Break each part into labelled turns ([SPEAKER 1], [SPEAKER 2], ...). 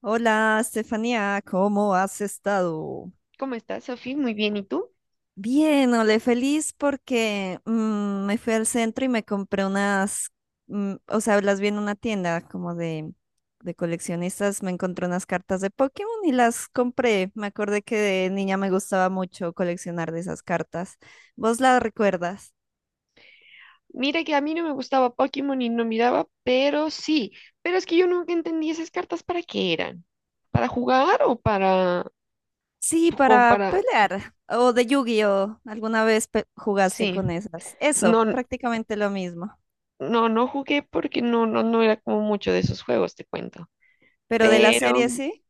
[SPEAKER 1] Hola, Estefanía, ¿cómo has estado?
[SPEAKER 2] ¿Cómo estás, Sofi? Muy bien, ¿y tú?
[SPEAKER 1] Bien, ole, feliz porque me fui al centro y me compré unas, o sea, las vi en una tienda como de coleccionistas, me encontré unas cartas de Pokémon y las compré. Me acordé que de niña me gustaba mucho coleccionar de esas cartas. ¿Vos las recuerdas?
[SPEAKER 2] Mira que a mí no me gustaba Pokémon y no miraba, pero sí, pero es que yo nunca entendí esas cartas para qué eran. ¿Para jugar o para,
[SPEAKER 1] Sí,
[SPEAKER 2] pues, como
[SPEAKER 1] para
[SPEAKER 2] para,
[SPEAKER 1] pelear. ¿O de Yu-Gi-Oh! Alguna vez jugaste
[SPEAKER 2] sí,
[SPEAKER 1] con esas? Eso,
[SPEAKER 2] no,
[SPEAKER 1] prácticamente lo mismo.
[SPEAKER 2] no, no jugué porque no era como mucho de esos juegos, te cuento.
[SPEAKER 1] Pero de la
[SPEAKER 2] Pero
[SPEAKER 1] serie, sí.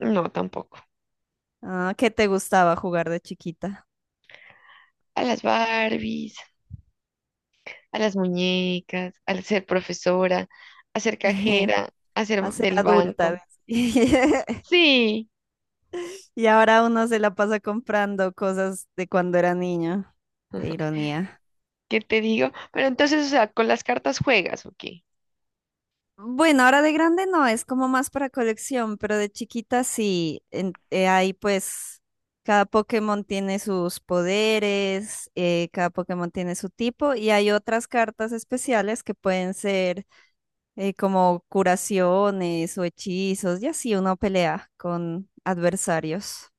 [SPEAKER 2] no, tampoco.
[SPEAKER 1] Ah, ¿qué te gustaba jugar de chiquita?
[SPEAKER 2] A las Barbies, a las muñecas, al ser profesora, a ser cajera, a ser
[SPEAKER 1] A ser
[SPEAKER 2] del
[SPEAKER 1] adulta,
[SPEAKER 2] banco.
[SPEAKER 1] ves.
[SPEAKER 2] Sí,
[SPEAKER 1] Y ahora uno se la pasa comprando cosas de cuando era niño. Qué ironía.
[SPEAKER 2] ¿qué te digo? Pero entonces, o sea, con las cartas juegas, ¿ok?
[SPEAKER 1] Bueno, ahora de grande no, es como más para colección, pero de chiquita sí. Ahí pues cada Pokémon tiene sus poderes, cada Pokémon tiene su tipo y hay otras cartas especiales que pueden ser como curaciones o hechizos, y así uno pelea con adversarios.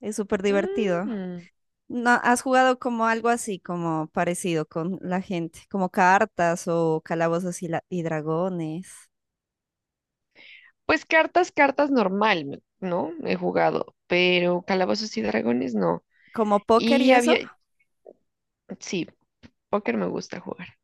[SPEAKER 1] Es súper divertido.
[SPEAKER 2] Mm,
[SPEAKER 1] ¿No has jugado como algo así, como parecido con la gente, como cartas o calabozos y, y dragones,
[SPEAKER 2] Pues cartas normal, me- ¿no? He jugado, pero calabozos y dragones no.
[SPEAKER 1] como póker y
[SPEAKER 2] Y
[SPEAKER 1] eso?
[SPEAKER 2] había, sí, póker me gusta jugar.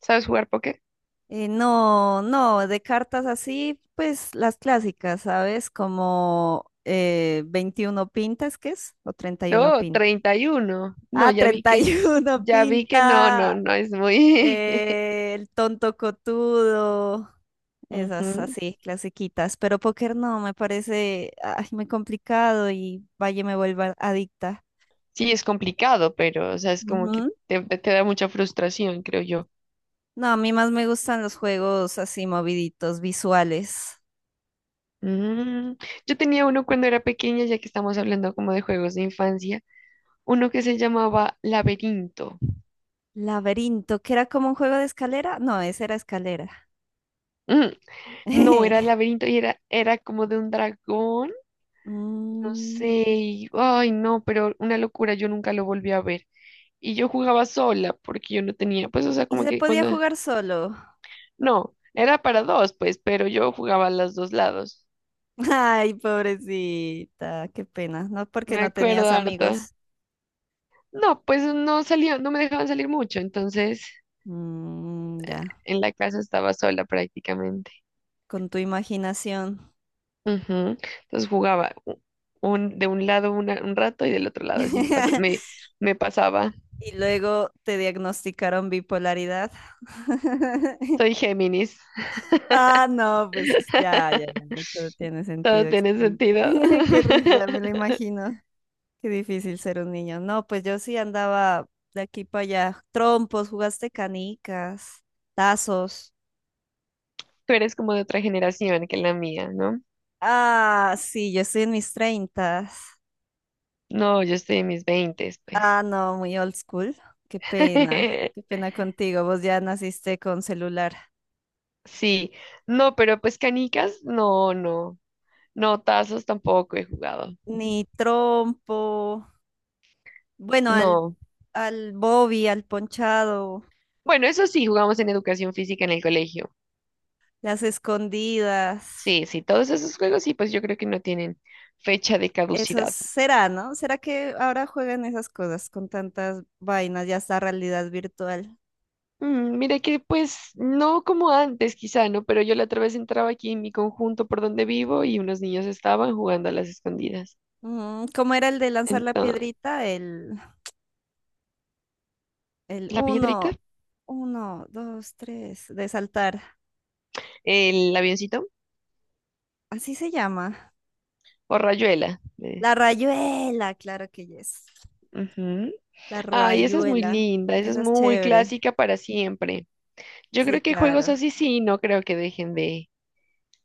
[SPEAKER 2] ¿Sabes jugar póker?
[SPEAKER 1] No, no, de cartas así, pues las clásicas, ¿sabes? Como 21 pintas, ¿qué es? O 31
[SPEAKER 2] No,
[SPEAKER 1] pintas.
[SPEAKER 2] 31. No,
[SPEAKER 1] Ah, 31
[SPEAKER 2] ya vi que no, no,
[SPEAKER 1] pinta.
[SPEAKER 2] no es muy...
[SPEAKER 1] El tonto cotudo, esas
[SPEAKER 2] Ujú.
[SPEAKER 1] así, clasiquitas. Pero póker no, me parece ay, muy complicado y vaya me vuelva adicta.
[SPEAKER 2] Sí, es complicado, pero, o sea, es como que
[SPEAKER 1] Ujú.
[SPEAKER 2] te da mucha frustración, creo yo.
[SPEAKER 1] No, a mí más me gustan los juegos así moviditos, visuales.
[SPEAKER 2] Mm, Yo tenía uno cuando era pequeña, ya que estamos hablando como de juegos de infancia, uno que se llamaba Laberinto.
[SPEAKER 1] Laberinto, que era como un juego de escalera. No, ese era escalera.
[SPEAKER 2] No, era el laberinto y era como de un dragón, no sé,
[SPEAKER 1] Mm,
[SPEAKER 2] ay no, pero una locura, yo nunca lo volví a ver. Y yo jugaba sola porque yo no tenía, pues o sea,
[SPEAKER 1] y
[SPEAKER 2] como
[SPEAKER 1] se
[SPEAKER 2] que
[SPEAKER 1] podía
[SPEAKER 2] cuando,
[SPEAKER 1] jugar solo.
[SPEAKER 2] no, era para dos, pues, pero yo jugaba a los dos lados,
[SPEAKER 1] Ay, pobrecita, qué pena, ¿no? Porque
[SPEAKER 2] me
[SPEAKER 1] no
[SPEAKER 2] acuerdo
[SPEAKER 1] tenías
[SPEAKER 2] harto.
[SPEAKER 1] amigos.
[SPEAKER 2] No, pues no salía, no me dejaban salir mucho, entonces
[SPEAKER 1] Mm, ya.
[SPEAKER 2] en la casa estaba sola prácticamente.
[SPEAKER 1] Con tu imaginación.
[SPEAKER 2] Ujú. Entonces jugaba u- un, de un lado un rato y del otro lado así me pasaba.
[SPEAKER 1] Y luego te diagnosticaron bipolaridad.
[SPEAKER 2] Soy Géminis.
[SPEAKER 1] Ah, no, pues ya, ya, ya, no, todo tiene
[SPEAKER 2] Todo
[SPEAKER 1] sentido.
[SPEAKER 2] tiene
[SPEAKER 1] Excelente.
[SPEAKER 2] sentido.
[SPEAKER 1] Qué risa, me lo imagino. Qué difícil ser un niño. No, pues yo sí andaba de aquí para allá. Trompos, jugaste canicas, tazos.
[SPEAKER 2] Tú eres como de otra generación que la mía, ¿no?
[SPEAKER 1] Ah, sí, yo estoy en mis treintas.
[SPEAKER 2] No, yo estoy en mis veintes, pues.
[SPEAKER 1] Ah, no, muy old school. Qué pena contigo. Vos ya naciste con celular.
[SPEAKER 2] Sí, no, pero pues canicas, no, no. No, tazos tampoco he jugado.
[SPEAKER 1] Ni trompo, bueno, al,
[SPEAKER 2] No.
[SPEAKER 1] al Bobby, al ponchado,
[SPEAKER 2] Bueno, eso sí, jugamos en educación física en el colegio.
[SPEAKER 1] las escondidas,
[SPEAKER 2] Sí, sí, todos esos juegos sí, pues yo creo que no tienen fecha de
[SPEAKER 1] eso
[SPEAKER 2] caducidad.
[SPEAKER 1] será, ¿no? ¿Será que ahora juegan esas cosas con tantas vainas, ya está realidad virtual?
[SPEAKER 2] Mira que pues no como antes quizá, ¿no? Pero yo la otra vez entraba aquí en mi conjunto por donde vivo y unos niños estaban jugando a las escondidas.
[SPEAKER 1] Mm, ¿cómo era el de lanzar la
[SPEAKER 2] Entonces,
[SPEAKER 1] piedrita? El
[SPEAKER 2] la piedrita,
[SPEAKER 1] uno, uno, dos, tres, de saltar,
[SPEAKER 2] el avioncito
[SPEAKER 1] así se llama.
[SPEAKER 2] o rayuela.
[SPEAKER 1] La rayuela, claro que es.
[SPEAKER 2] Ujú.
[SPEAKER 1] La
[SPEAKER 2] Ay, esa es muy
[SPEAKER 1] rayuela,
[SPEAKER 2] linda, esa es
[SPEAKER 1] esa es
[SPEAKER 2] muy
[SPEAKER 1] chévere,
[SPEAKER 2] clásica para siempre. Yo
[SPEAKER 1] sí,
[SPEAKER 2] creo que juegos
[SPEAKER 1] claro.
[SPEAKER 2] así sí, no creo que dejen de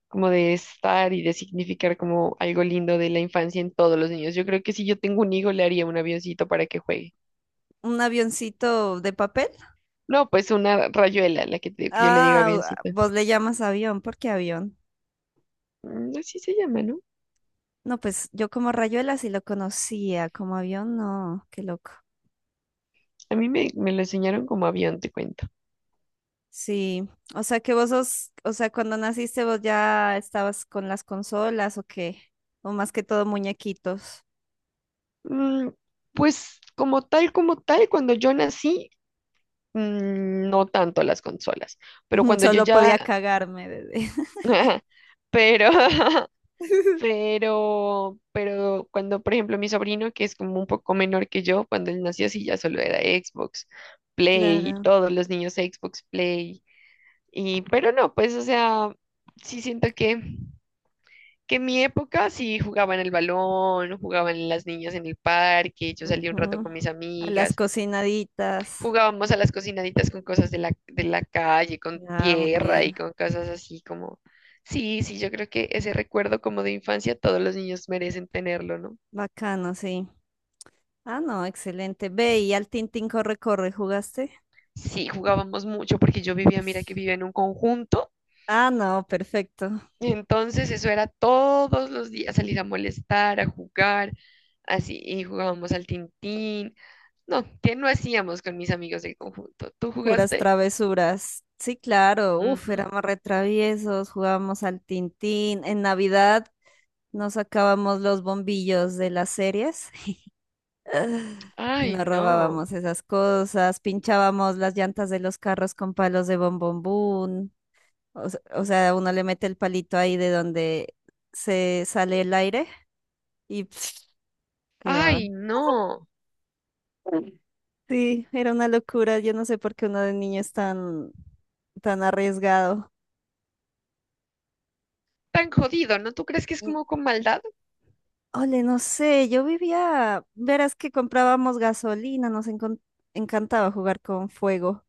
[SPEAKER 2] como de estar y de significar como algo lindo de la infancia en todos los niños. Yo creo que si yo tengo un hijo le haría un avioncito para que juegue.
[SPEAKER 1] Un avioncito de papel.
[SPEAKER 2] No, pues una rayuela, digo que yo le digo
[SPEAKER 1] Ah,
[SPEAKER 2] avioncito.
[SPEAKER 1] vos le llamas avión, ¿por qué avión?
[SPEAKER 2] Así se llama, ¿no?
[SPEAKER 1] No, pues yo como Rayuela sí lo conocía, como avión no, qué loco.
[SPEAKER 2] A mí me lo enseñaron como avión, te cuento.
[SPEAKER 1] Sí, o sea que vos sos, o sea, cuando naciste vos ya estabas con las consolas o qué, o más que todo muñequitos.
[SPEAKER 2] Mm, pues cuando yo nací, mm, no tanto las consolas, pero cuando yo
[SPEAKER 1] Solo
[SPEAKER 2] ya,
[SPEAKER 1] podía cagarme desde.
[SPEAKER 2] pero, pero cuando, por ejemplo, mi sobrino, que es como un poco menor que yo, cuando él nació sí ya solo era Xbox, Play,
[SPEAKER 1] Claro.
[SPEAKER 2] todos los niños Xbox, Play, y, pero no, pues, o sea, sí siento que en mi época sí jugaban el balón, jugaban las niñas en el parque, yo salía un rato
[SPEAKER 1] Ujú.
[SPEAKER 2] con mis
[SPEAKER 1] A las
[SPEAKER 2] amigas,
[SPEAKER 1] cocinaditas.
[SPEAKER 2] jugábamos a las cocinaditas con cosas de la calle, con
[SPEAKER 1] Ah, muy
[SPEAKER 2] tierra y
[SPEAKER 1] bien.
[SPEAKER 2] con cosas así como... Sí, sí, yo creo que ese recuerdo como de infancia todos los niños merecen tenerlo, ¿no?
[SPEAKER 1] Bacano, sí. Ah, no, excelente. Ve y al Tintín corre, corre, ¿jugaste?
[SPEAKER 2] Sí, jugábamos mucho porque yo vivía, mira que vivía en un conjunto,
[SPEAKER 1] Ah, no, perfecto.
[SPEAKER 2] y entonces eso era todos los días salir a molestar, a jugar, así, y jugábamos al tintín. No, ¿qué no hacíamos con mis amigos del conjunto? ¿Tú
[SPEAKER 1] Puras
[SPEAKER 2] jugaste?
[SPEAKER 1] travesuras. Sí, claro. Uf,
[SPEAKER 2] Ujú.
[SPEAKER 1] éramos retraviesos, jugábamos al Tintín. En Navidad nos sacábamos los bombillos de las series ah, y
[SPEAKER 2] Ay,
[SPEAKER 1] nos
[SPEAKER 2] no.
[SPEAKER 1] robábamos esas cosas. Pinchábamos las llantas de los carros con palos de bombombún. O sea, uno le mete el palito ahí de donde se sale el aire y
[SPEAKER 2] Ay,
[SPEAKER 1] quedaban.
[SPEAKER 2] no.
[SPEAKER 1] Sí, era una locura. Yo no sé por qué uno de niño es tan arriesgado.
[SPEAKER 2] Tan jodido, ¿no? ¿Tú crees que es
[SPEAKER 1] Mm,
[SPEAKER 2] como con maldad?
[SPEAKER 1] ole, no sé, yo vivía, verás que comprábamos gasolina, encantaba jugar con fuego.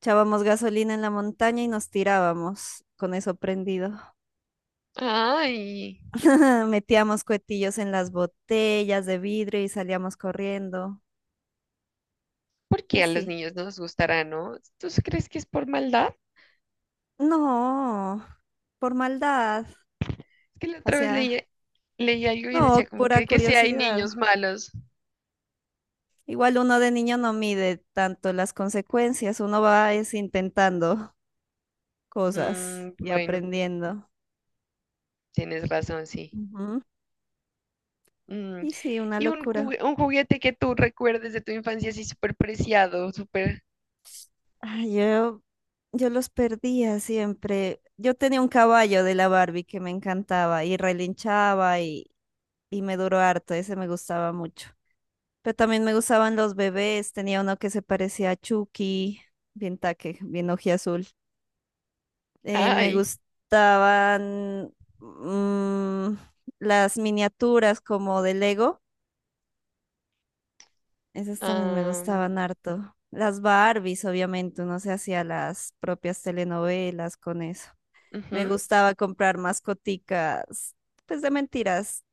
[SPEAKER 1] Echábamos gasolina en la montaña y nos tirábamos con eso prendido.
[SPEAKER 2] Ay,
[SPEAKER 1] Metíamos cuetillos en las botellas de vidrio y salíamos corriendo.
[SPEAKER 2] ¿por qué a los
[SPEAKER 1] Así.
[SPEAKER 2] niños no les gustará, no? ¿Tú sí crees que es por maldad?
[SPEAKER 1] No, por maldad,
[SPEAKER 2] Es que la otra vez
[SPEAKER 1] hacia,
[SPEAKER 2] leía, leía algo y decía
[SPEAKER 1] no,
[SPEAKER 2] como
[SPEAKER 1] pura
[SPEAKER 2] que si hay
[SPEAKER 1] curiosidad.
[SPEAKER 2] niños malos.
[SPEAKER 1] Igual uno de niño no mide tanto las consecuencias, uno va es intentando cosas
[SPEAKER 2] Mm,
[SPEAKER 1] y
[SPEAKER 2] bueno,
[SPEAKER 1] aprendiendo.
[SPEAKER 2] tienes razón, sí.
[SPEAKER 1] Ujú.
[SPEAKER 2] Mm,
[SPEAKER 1] Y sí, una
[SPEAKER 2] Y un,
[SPEAKER 1] locura.
[SPEAKER 2] un juguete que tú recuerdes de tu infancia así súper preciado, súper...
[SPEAKER 1] Ay, yo los perdía siempre. Yo tenía un caballo de la Barbie que me encantaba y relinchaba y me duró harto, ese me gustaba mucho. Pero también me gustaban los bebés, tenía uno que se parecía a Chucky, bien taque, bien ojiazul. Me
[SPEAKER 2] Ay,
[SPEAKER 1] gustaban mm, las miniaturas como de Lego. Esas también me
[SPEAKER 2] am,
[SPEAKER 1] gustaban harto. Las Barbies, obviamente, uno se hacía las propias telenovelas con eso.
[SPEAKER 2] ujú,
[SPEAKER 1] Me gustaba comprar mascoticas, pues de mentiras.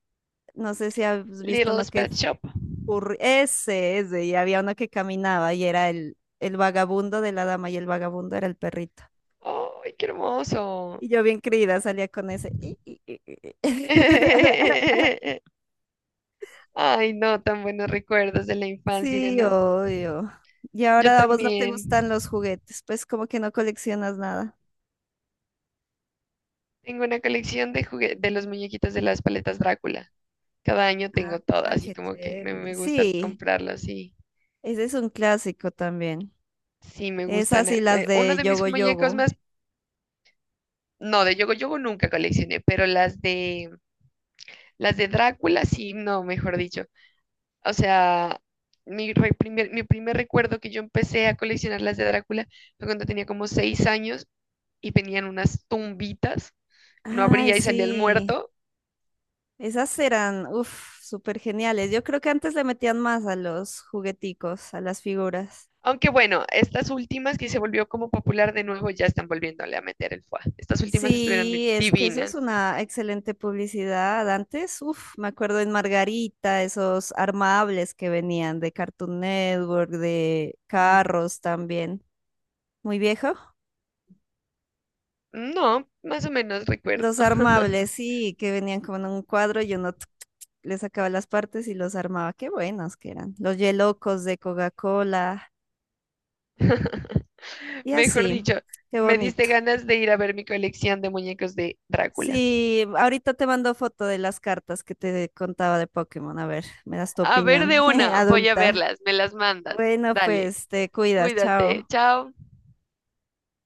[SPEAKER 1] No sé si has visto
[SPEAKER 2] Little
[SPEAKER 1] uno que...
[SPEAKER 2] Pet Shop.
[SPEAKER 1] Ese, ese, y había uno que caminaba y era el vagabundo de la dama, y el vagabundo era el perrito.
[SPEAKER 2] ¡Ay, qué hermoso!
[SPEAKER 1] Y yo bien creída salía con ese. "I, i, i, i, i".
[SPEAKER 2] Ay, no, tan buenos recuerdos de la infancia,
[SPEAKER 1] Sí,
[SPEAKER 2] ¿no?
[SPEAKER 1] obvio. Y
[SPEAKER 2] Yo
[SPEAKER 1] ahora a vos no te
[SPEAKER 2] también
[SPEAKER 1] gustan los juguetes, pues como que no coleccionas nada.
[SPEAKER 2] tengo una colección de de los muñequitos de las paletas Drácula. Cada año
[SPEAKER 1] Ah,
[SPEAKER 2] tengo todo, así
[SPEAKER 1] qué
[SPEAKER 2] como que
[SPEAKER 1] chévere.
[SPEAKER 2] me gusta
[SPEAKER 1] Sí,
[SPEAKER 2] comprarlos y
[SPEAKER 1] ese es un clásico también.
[SPEAKER 2] sí me gustan.
[SPEAKER 1] Esas y las
[SPEAKER 2] Uno
[SPEAKER 1] de
[SPEAKER 2] de mis
[SPEAKER 1] Yogo
[SPEAKER 2] muñecos
[SPEAKER 1] Yogo.
[SPEAKER 2] más, no, de Yogo Yogo nunca coleccioné, pero las de Drácula sí, no, mejor dicho. O sea, mi primer recuerdo que yo empecé a coleccionar las de Drácula fue cuando tenía como 6 años y venían unas tumbitas no
[SPEAKER 1] Ay,
[SPEAKER 2] abría y salía el
[SPEAKER 1] sí.
[SPEAKER 2] muerto.
[SPEAKER 1] Esas eran, uff, súper geniales. Yo creo que antes le metían más a los jugueticos, a las figuras.
[SPEAKER 2] Aunque bueno, estas últimas que se volvió como popular de nuevo ya están volviéndole a meter el foie. Estas últimas estuvieron
[SPEAKER 1] Sí, es que eso es
[SPEAKER 2] divinas.
[SPEAKER 1] una excelente publicidad. Antes, uff, me acuerdo en Margarita, esos armables que venían de Cartoon Network, de
[SPEAKER 2] Mm,
[SPEAKER 1] carros también. Muy viejo.
[SPEAKER 2] no, más o menos recuerdo.
[SPEAKER 1] Los armables, sí, que venían como en un cuadro y uno tuc, tuc, tuc, le sacaba las partes y los armaba. Qué buenos que eran. Los yelocos de Coca-Cola y
[SPEAKER 2] Mejor
[SPEAKER 1] así.
[SPEAKER 2] dicho,
[SPEAKER 1] Qué
[SPEAKER 2] me diste
[SPEAKER 1] bonito.
[SPEAKER 2] ganas de ir a ver mi colección de muñecos de Drácula.
[SPEAKER 1] Sí, ahorita te mando foto de las cartas que te contaba de Pokémon. A ver, me das tu
[SPEAKER 2] A ver
[SPEAKER 1] opinión
[SPEAKER 2] de una, voy a
[SPEAKER 1] adulta.
[SPEAKER 2] verlas, me las mandas.
[SPEAKER 1] Bueno,
[SPEAKER 2] Dale,
[SPEAKER 1] pues te cuidas,
[SPEAKER 2] cuídate,
[SPEAKER 1] chao.
[SPEAKER 2] chao.